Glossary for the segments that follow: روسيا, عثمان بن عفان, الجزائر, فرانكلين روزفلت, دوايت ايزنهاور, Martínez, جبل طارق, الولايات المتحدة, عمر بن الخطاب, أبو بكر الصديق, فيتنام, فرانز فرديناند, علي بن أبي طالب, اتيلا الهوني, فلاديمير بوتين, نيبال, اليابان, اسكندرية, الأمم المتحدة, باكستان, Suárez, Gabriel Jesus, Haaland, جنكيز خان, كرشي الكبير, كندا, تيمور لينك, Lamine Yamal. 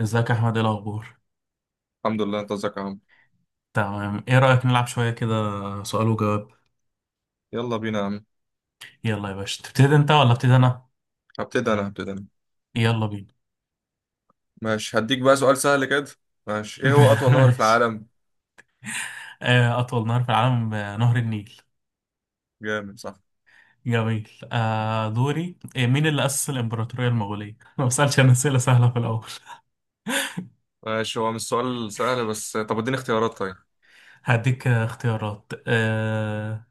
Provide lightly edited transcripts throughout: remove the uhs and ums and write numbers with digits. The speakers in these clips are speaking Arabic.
ازيك يا احمد، ايه الاخبار؟ الحمد لله. انت ازيك يا عم؟ تمام. ايه رايك نلعب شويه كده؟ سؤال وجواب. يلا بينا يا عم. يلا يا باشا، تبتدي انت ولا ابتدي انا؟ هبتدي انا. يلا بينا. ماشي، هديك بقى سؤال سهل كده. ماشي، ايه هو اطول نهر في ماشي. العالم؟ اطول نهر في العالم، نهر النيل. جامد، صح. جميل. دوري. مين اللي اسس الامبراطوريه المغوليه؟ ما بسالش انا اسئله سهله في الاول. ماشي، هو مش سؤال سهل بس طب اديني اختيارات طيب. هديك اختيارات.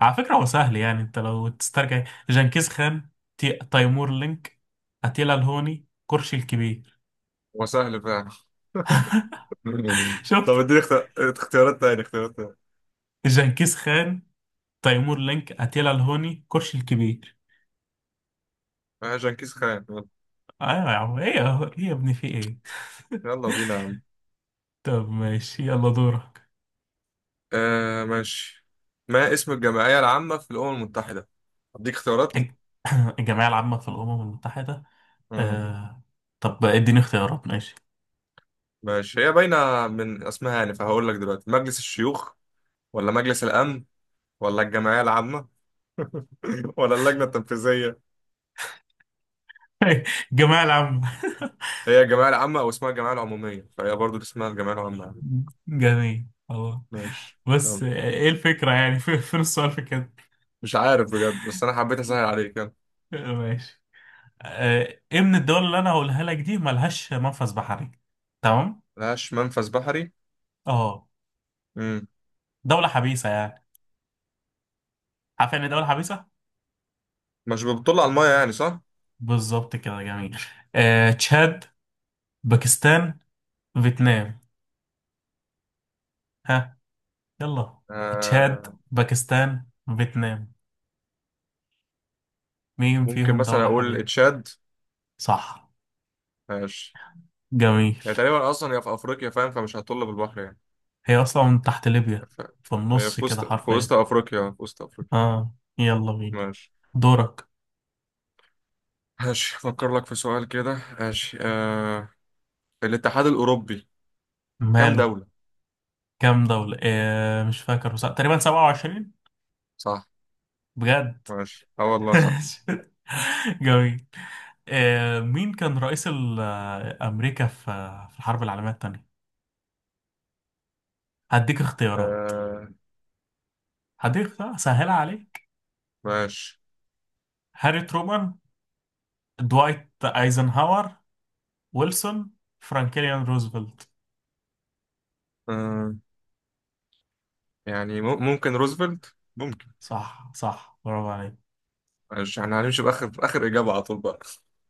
على فكره هو سهل، يعني انت لو تسترجع. جنكيز خان، تيمور لينك، اتيلا الهوني، كرشي الكبير. هو سهل فعلا. طب شفت؟ اديني اختيارات تاني، اختيارات تاني. جنكيز خان، تيمور لينك، اتيلا الهوني، كرش الكبير. آه، جنكيز خان، يلا. ايوه يا عم، ايه ايه يا ابني، في ايه؟ يلا بينا يا عم. طب ماشي، يلا دورك. آه ماشي. ما اسم الجمعية العامة في الأمم المتحدة؟ اديك اختيارات. الج- الجمعية العامة في الأمم المتحدة؟ مم. آه... طب اديني اختيارات، ماشي. ماشي، هي باينة من اسمها يعني، فهقول لك دلوقتي مجلس الشيوخ، ولا مجلس الأمن، ولا الجمعية العامة، ولا اللجنة التنفيذية. الجمعية العامة. هي الجمعية العامة أو اسمها الجمعية العمومية، فهي برضو اسمها الجمعية العامة. جميل، خلاص. ماشي، بس يلا. ايه الفكرة يعني؟ فين السؤال في كده؟ مش عارف بجد، بس أنا حبيت أسهل عليك، يلا. ماشي. ايه من الدول اللي انا هقولها لك دي ملهاش منفذ بحري؟ تمام. ملهاش منفذ بحري. اه، مم. دولة حبيسة يعني. عارف يعني إيه دولة حبيسة؟ مش بتطل على المية يعني، صح؟ بالظبط كده، جميل. تشاد، باكستان، فيتنام. ها، يلا. تشاد، آه، باكستان، فيتنام، مين ممكن فيهم مثلا دولة أقول حبيبي؟ تشاد. صح، ماشي، جميل. هي تقريبا أصلا هي في أفريقيا، فاهم، فمش هتطل بالبحر يعني. هي أصلا من تحت ليبيا، ف... في هي النص في كده وسط في وسط حرفيا. أفريقيا في وسط أفريقيا اه، يلا بينا. ماشي. دورك. ماشي، أفكر لك في سؤال كده. ماشي، آه... الاتحاد الأوروبي، كام ماله؟ دولة؟ كام دولة؟ آه، مش فاكر، بس تقريبا 27. صح. بجد. ماشي، اه والله صح. جميل. آه، مين كان رئيس أمريكا في في الحرب العالمية التانية؟ هديك اختيارات، آه هديك سهلة عليك. ماشي. هاري ترومان، دوايت ايزنهاور، ويلسون، فرانكلين روزفلت. آه، يعني ممكن روزفلت، ممكن. صح، صح، برافو عليك. ماشي، احنا هنمشي بآخر إجابة على طول بقى.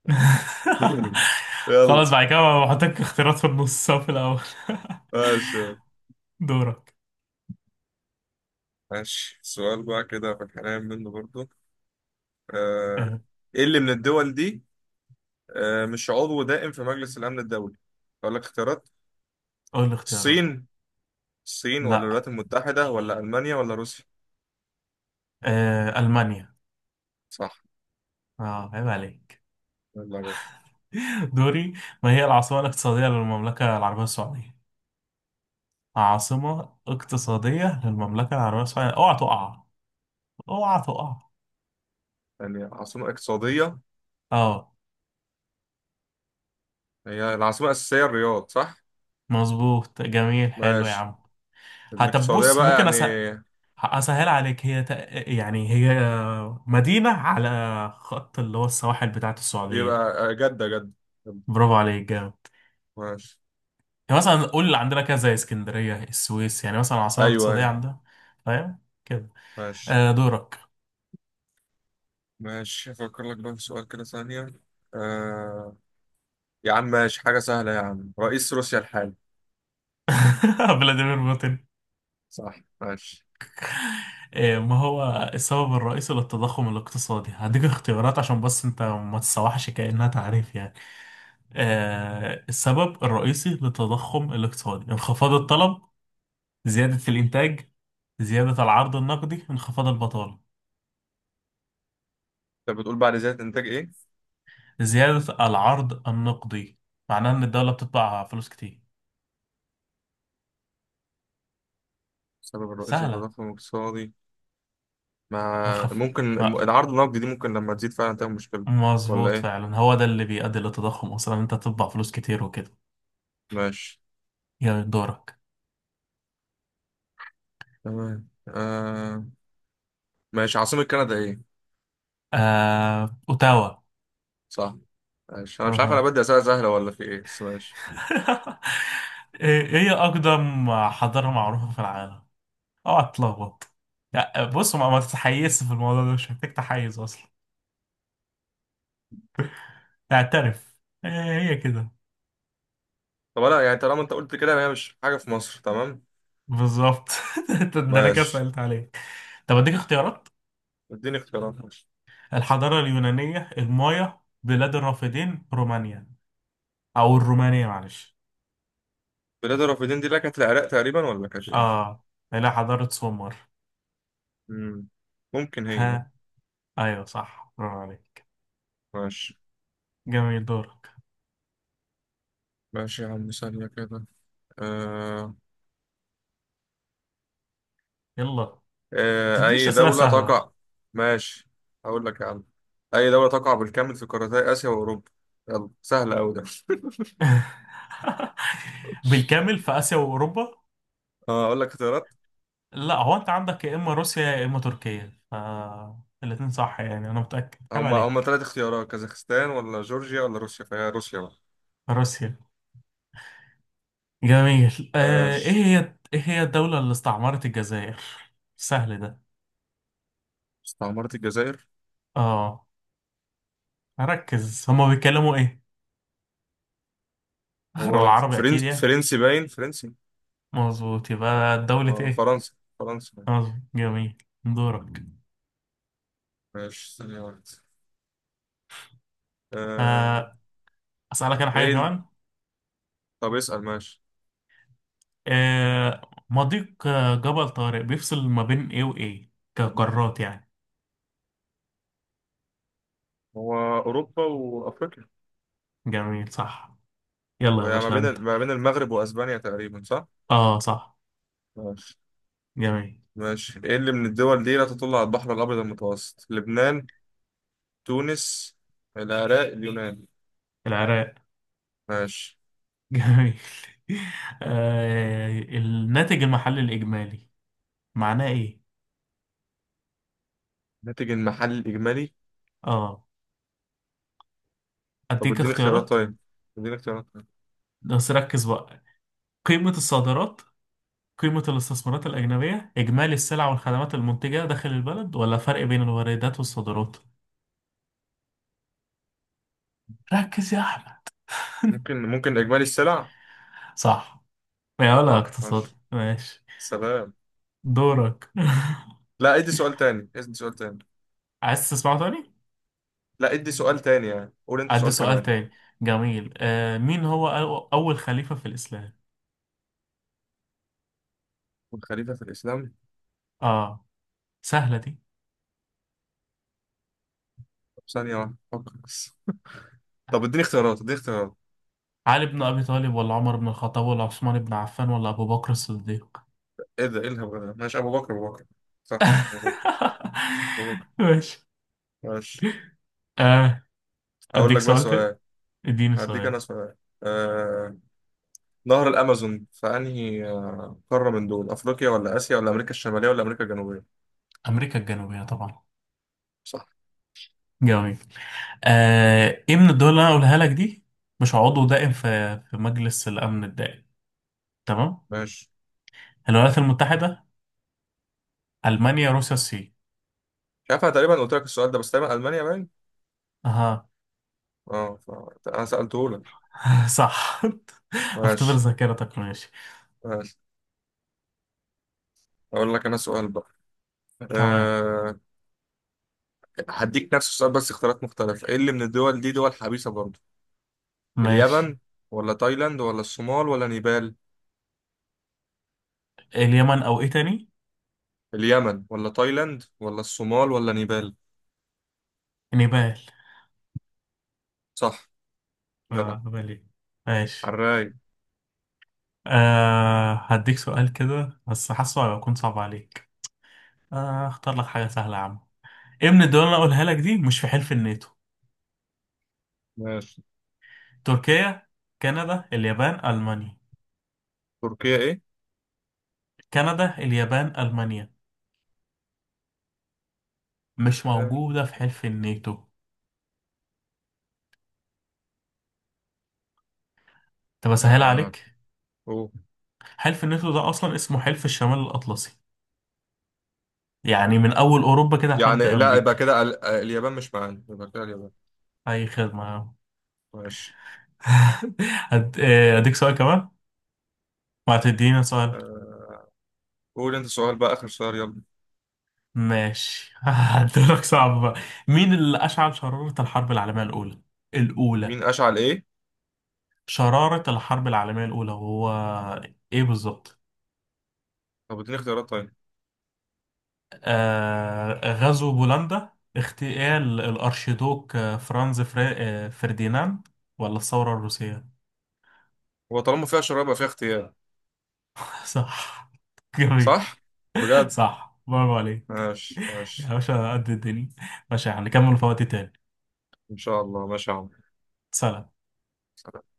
يلا. خلاص، بعد كده بحطك اختيارات في النص أو في الاول. ماشي. دورك. ماشي، سؤال بقى كده في الحنان منه برضو. آه، آه، ايه اللي من الدول دي، آه، مش عضو دائم في مجلس الأمن الدولي؟ أقول لك اختيارات. قول لي اختيارات. الصين، الصين ولا لا، الولايات المتحدة ولا ألمانيا ولا روسيا؟ المانيا. صح. اه، عيب عليك. يلا يا باشا. دوري. ما هي العاصمة الاقتصادية للمملكة العربية السعودية؟ عاصمة اقتصادية للمملكة العربية السعودية، اوعى تقع، اوعى تقع. يعني عاصمة اقتصادية، اه، هي العاصمة الأساسية الرياض، صح. مظبوط، جميل، حلو يا ماشي، عم. هتب، الاقتصادية بص، بقى ممكن يعني. اسهل عليك. هي يعني هي مدينة على خط اللي هو السواحل بتاعت السعودية. يبقى جدة، جدة. جدة. برافو عليك، جامد. ماشي. يعني مثلا قول اللي عندنا كده، زي اسكندرية، السويس، يعني مثلا عاصمة أيوه اقتصادية أيوه. عندنا. فاهم كده. ماشي. آه، دورك. ماشي، أفكر لك بقى في سؤال كده ثانية. آه... يا عم ماشي حاجة سهلة يا عم، رئيس روسيا الحالي. فلاديمير بوتين. صح. ماشي. إيه، ما هو السبب الرئيسي للتضخم الاقتصادي؟ هديك اختيارات عشان بس انت ما تسوحش كأنها تعريف يعني. آه، السبب الرئيسي للتضخم الاقتصادي: انخفاض الطلب، زيادة الإنتاج، زيادة العرض النقدي، انخفاض البطالة. أنت بتقول بعد زيادة إنتاج إيه؟ زيادة العرض النقدي معناه إن الدولة بتطبع فلوس كتير. السبب الرئيسي سهلة. للتضخم الاقتصادي. مع هخف. ممكن العرض النقدي، دي ممكن لما تزيد فعلا تعمل مشكلة. ولا مظبوط، إيه؟ فعلا هو ده اللي بيؤدي للتضخم أصلا، إن أنت تطبع فلوس كتير وكده. ماشي. يا دورك. تمام، آه... ماشي، عاصمة كندا إيه؟ آه، أوتاوا. صح. ماشي، أنا مش عارف، أنا أها. بدي أسئلة سهلة ولا في إيه، بس ماشي. ايه، إيه هي اقدم حضارة معروفة في العالم؟ اوعى تتلخبط. لا، بص، ما تتحيزش في الموضوع ده، مش محتاج تحيز اصلا. اعترف. هي، هي كده. طب لا، يعني طالما أنت قلت كده يعني هي مش حاجة في مصر، تمام. بالظبط. ده انا كده ماشي. سألت عليك. طب اديك اختيارات. اديني اختيارات، ماشي. الحضارة اليونانية، المايا، بلاد الرافدين، رومانيا، او الرومانية، معلش. بلاد الرافدين دي اللي كانت العراق تقريبا، ولا كانت ايه؟ اه. لا، حضارة سومر. مم. ممكن، هي ممكن. ها، ايوه صح، برافو عليك. ماشي. جميل، دورك. ماشي يا عم، ثانية كده. آه... يلا. آه... تدينيش أي اسئلة دولة سهلة. تقع. ماشي، هقول لك يا عم. أي دولة تقع بالكامل في قارتي آسيا وأوروبا؟ يلا، سهلة أوي ده. بالكامل في آسيا وأوروبا. آه، أقول لك اختيارات. لا، هو أنت عندك يا إما روسيا يا إما تركيا، ف الاتنين صح يعني. أنا متأكد، عيب هما عليك. تلات اختيارات، كازاخستان ولا جورجيا ولا روسيا، فهي روسيا بقى. روسيا. جميل. آه، إيه ماشي. هي، إيه هي الدولة اللي استعمرت الجزائر؟ سهل ده. استعمرت الجزائر. آه، ركز، هما بيتكلموا إيه غير هو العربي أكيد يعني؟ فرنسي باين، فرنسي. مظبوط، يبقى دولة آه، إيه؟ فرنسا. فرنسا. مظبوط، جميل. دورك. ماشي، ثانية واحدة. آه... آه، أسألك أنا حاجة ايه؟ كمان. طب اسأل، ماشي. آه، مضيق جبل طارق بيفصل ما بين ايه وايه كقارات يعني؟ هو أوروبا وأفريقيا. جميل، صح. يلا يا وهي ما باشا بين انت. ما بين المغرب وأسبانيا تقريبا، صح؟ اه، صح. ماشي. جميل. ماشي، ايه اللي من الدول دي لا تطل على البحر الأبيض المتوسط؟ لبنان، تونس، العراق، اليونان. العراق. ماشي. جميل. آه، الناتج المحلي الاجمالي معناه ايه؟ الناتج المحلي الإجمالي. اه. طب اديك اديني اختيارات اختيارات. طيب. اديني اختيارات طيب. بس ركز بقى: قيمة الصادرات، قيمة الاستثمارات الأجنبية، إجمالي السلع والخدمات المنتجة داخل البلد، ولا فرق بين الواردات والصادرات. ركز يا أحمد. ممكن، ممكن إجمالي السلع؟ صح. يا ولا صح. اقتصادي، ماشي. ماشي. سلام. دورك. لا، ادي سؤال تاني، ادي سؤال تاني. عايز تسمعه تاني؟ لا، ادي سؤال تاني يعني، قول انت أدي سؤال سؤال كمان. تاني. جميل. آه، مين هو أول خليفة في الإسلام؟ والخليفة في الإسلام. آه، سهلة دي. طب ثانية واحدة، فكر بس. طب اديني اختيارات، اديني اختيارات. علي بن أبي طالب، ولا عمر بن الخطاب، ولا عثمان بن عفان، ولا أبو بكر الصديق؟ ايه ده؟ ايه الهبل ده؟ ماشي، ابو بكر، ابو بكر. صح، صح، ابو بكر. ابو بكر. ماشي. ماشي. آه، هقول أديك لك بقى سؤال تاني؟ سؤال. اديني هديك انا سؤال. سؤال. آه... نهر الامازون في انهي، آه، قاره؟ من دول افريقيا ولا اسيا ولا امريكا الشماليه ولا امريكا الجنوبيه؟ أمريكا الجنوبية طبعا. صح. جميل. آه، إيه من الدول اللي أنا قولها لك دي مش عضو دائم في في مجلس الأمن الدائم؟ تمام؟ ماشي. الولايات المتحدة، ألمانيا، روسيا، الصين. مش عارف، انا تقريبا قلت لك السؤال ده، بس تقريبا المانيا باين. اها. اه، انا سالته لك. صح. اختبر ماشي. ذاكرتك. ماشي. ماشي، هقول لك انا سؤال بقى. تمام. أه... هديك نفس السؤال بس اختيارات مختلفه. ايه اللي من الدول دي دول حبيسه برضه؟ ماشي. اليمن ولا تايلاند ولا الصومال ولا نيبال؟ اليمن، او ايه تاني؟ اليمن ولا تايلاند ولا الصومال ولا نيبال. نيبال. صح. جدع. اه، نيبال، إيه؟ ماشي. عالراي. آه، هديك سؤال كده بس حاسه هيكون صعب عليك. آه، اختار لك حاجة سهلة يا عم. ايه من الدول اللي انا اقولها لك دي مش في حلف الناتو؟ ماشي. تركيا، كندا، اليابان، المانيا. تركيا ايه؟ كندا، اليابان، المانيا، مش موجودة في حلف الناتو. طب اسهل آه. عليك. أوه. حلف الناتو ده اصلا اسمه حلف الشمال الاطلسي، يعني من اول اوروبا كده لحد يعني لا، امريكا. يبقى كده اليابان مش معانا، يبقى كده اليابان. اي خدمه. ماشي. اديك سؤال كمان. ما هتدينا سؤال. آه. قول انت سؤال بقى، اخر سؤال، يلا. ماشي. هديلك صعب بقى. مين اللي اشعل شراره الحرب العالميه الاولى. مين اشعل ايه؟ شراره الحرب العالميه الاولى، وهو ايه بالظبط؟ طب اديني اختيارات طيب. آه، غزو بولندا، اغتيال الارشيدوك فرانز فري... آه، فرديناند، ولا الثوره الروسيه. هو طالما فيها شراب يبقى فيها اختيار. صح. جميل. صح، بجد. صح، برافو عليك. ماشي، يا ماشي. باشا قد الدنيا. باشا، هنكمل في وقت تاني. ان شاء الله. ماشي يا سلام. عم.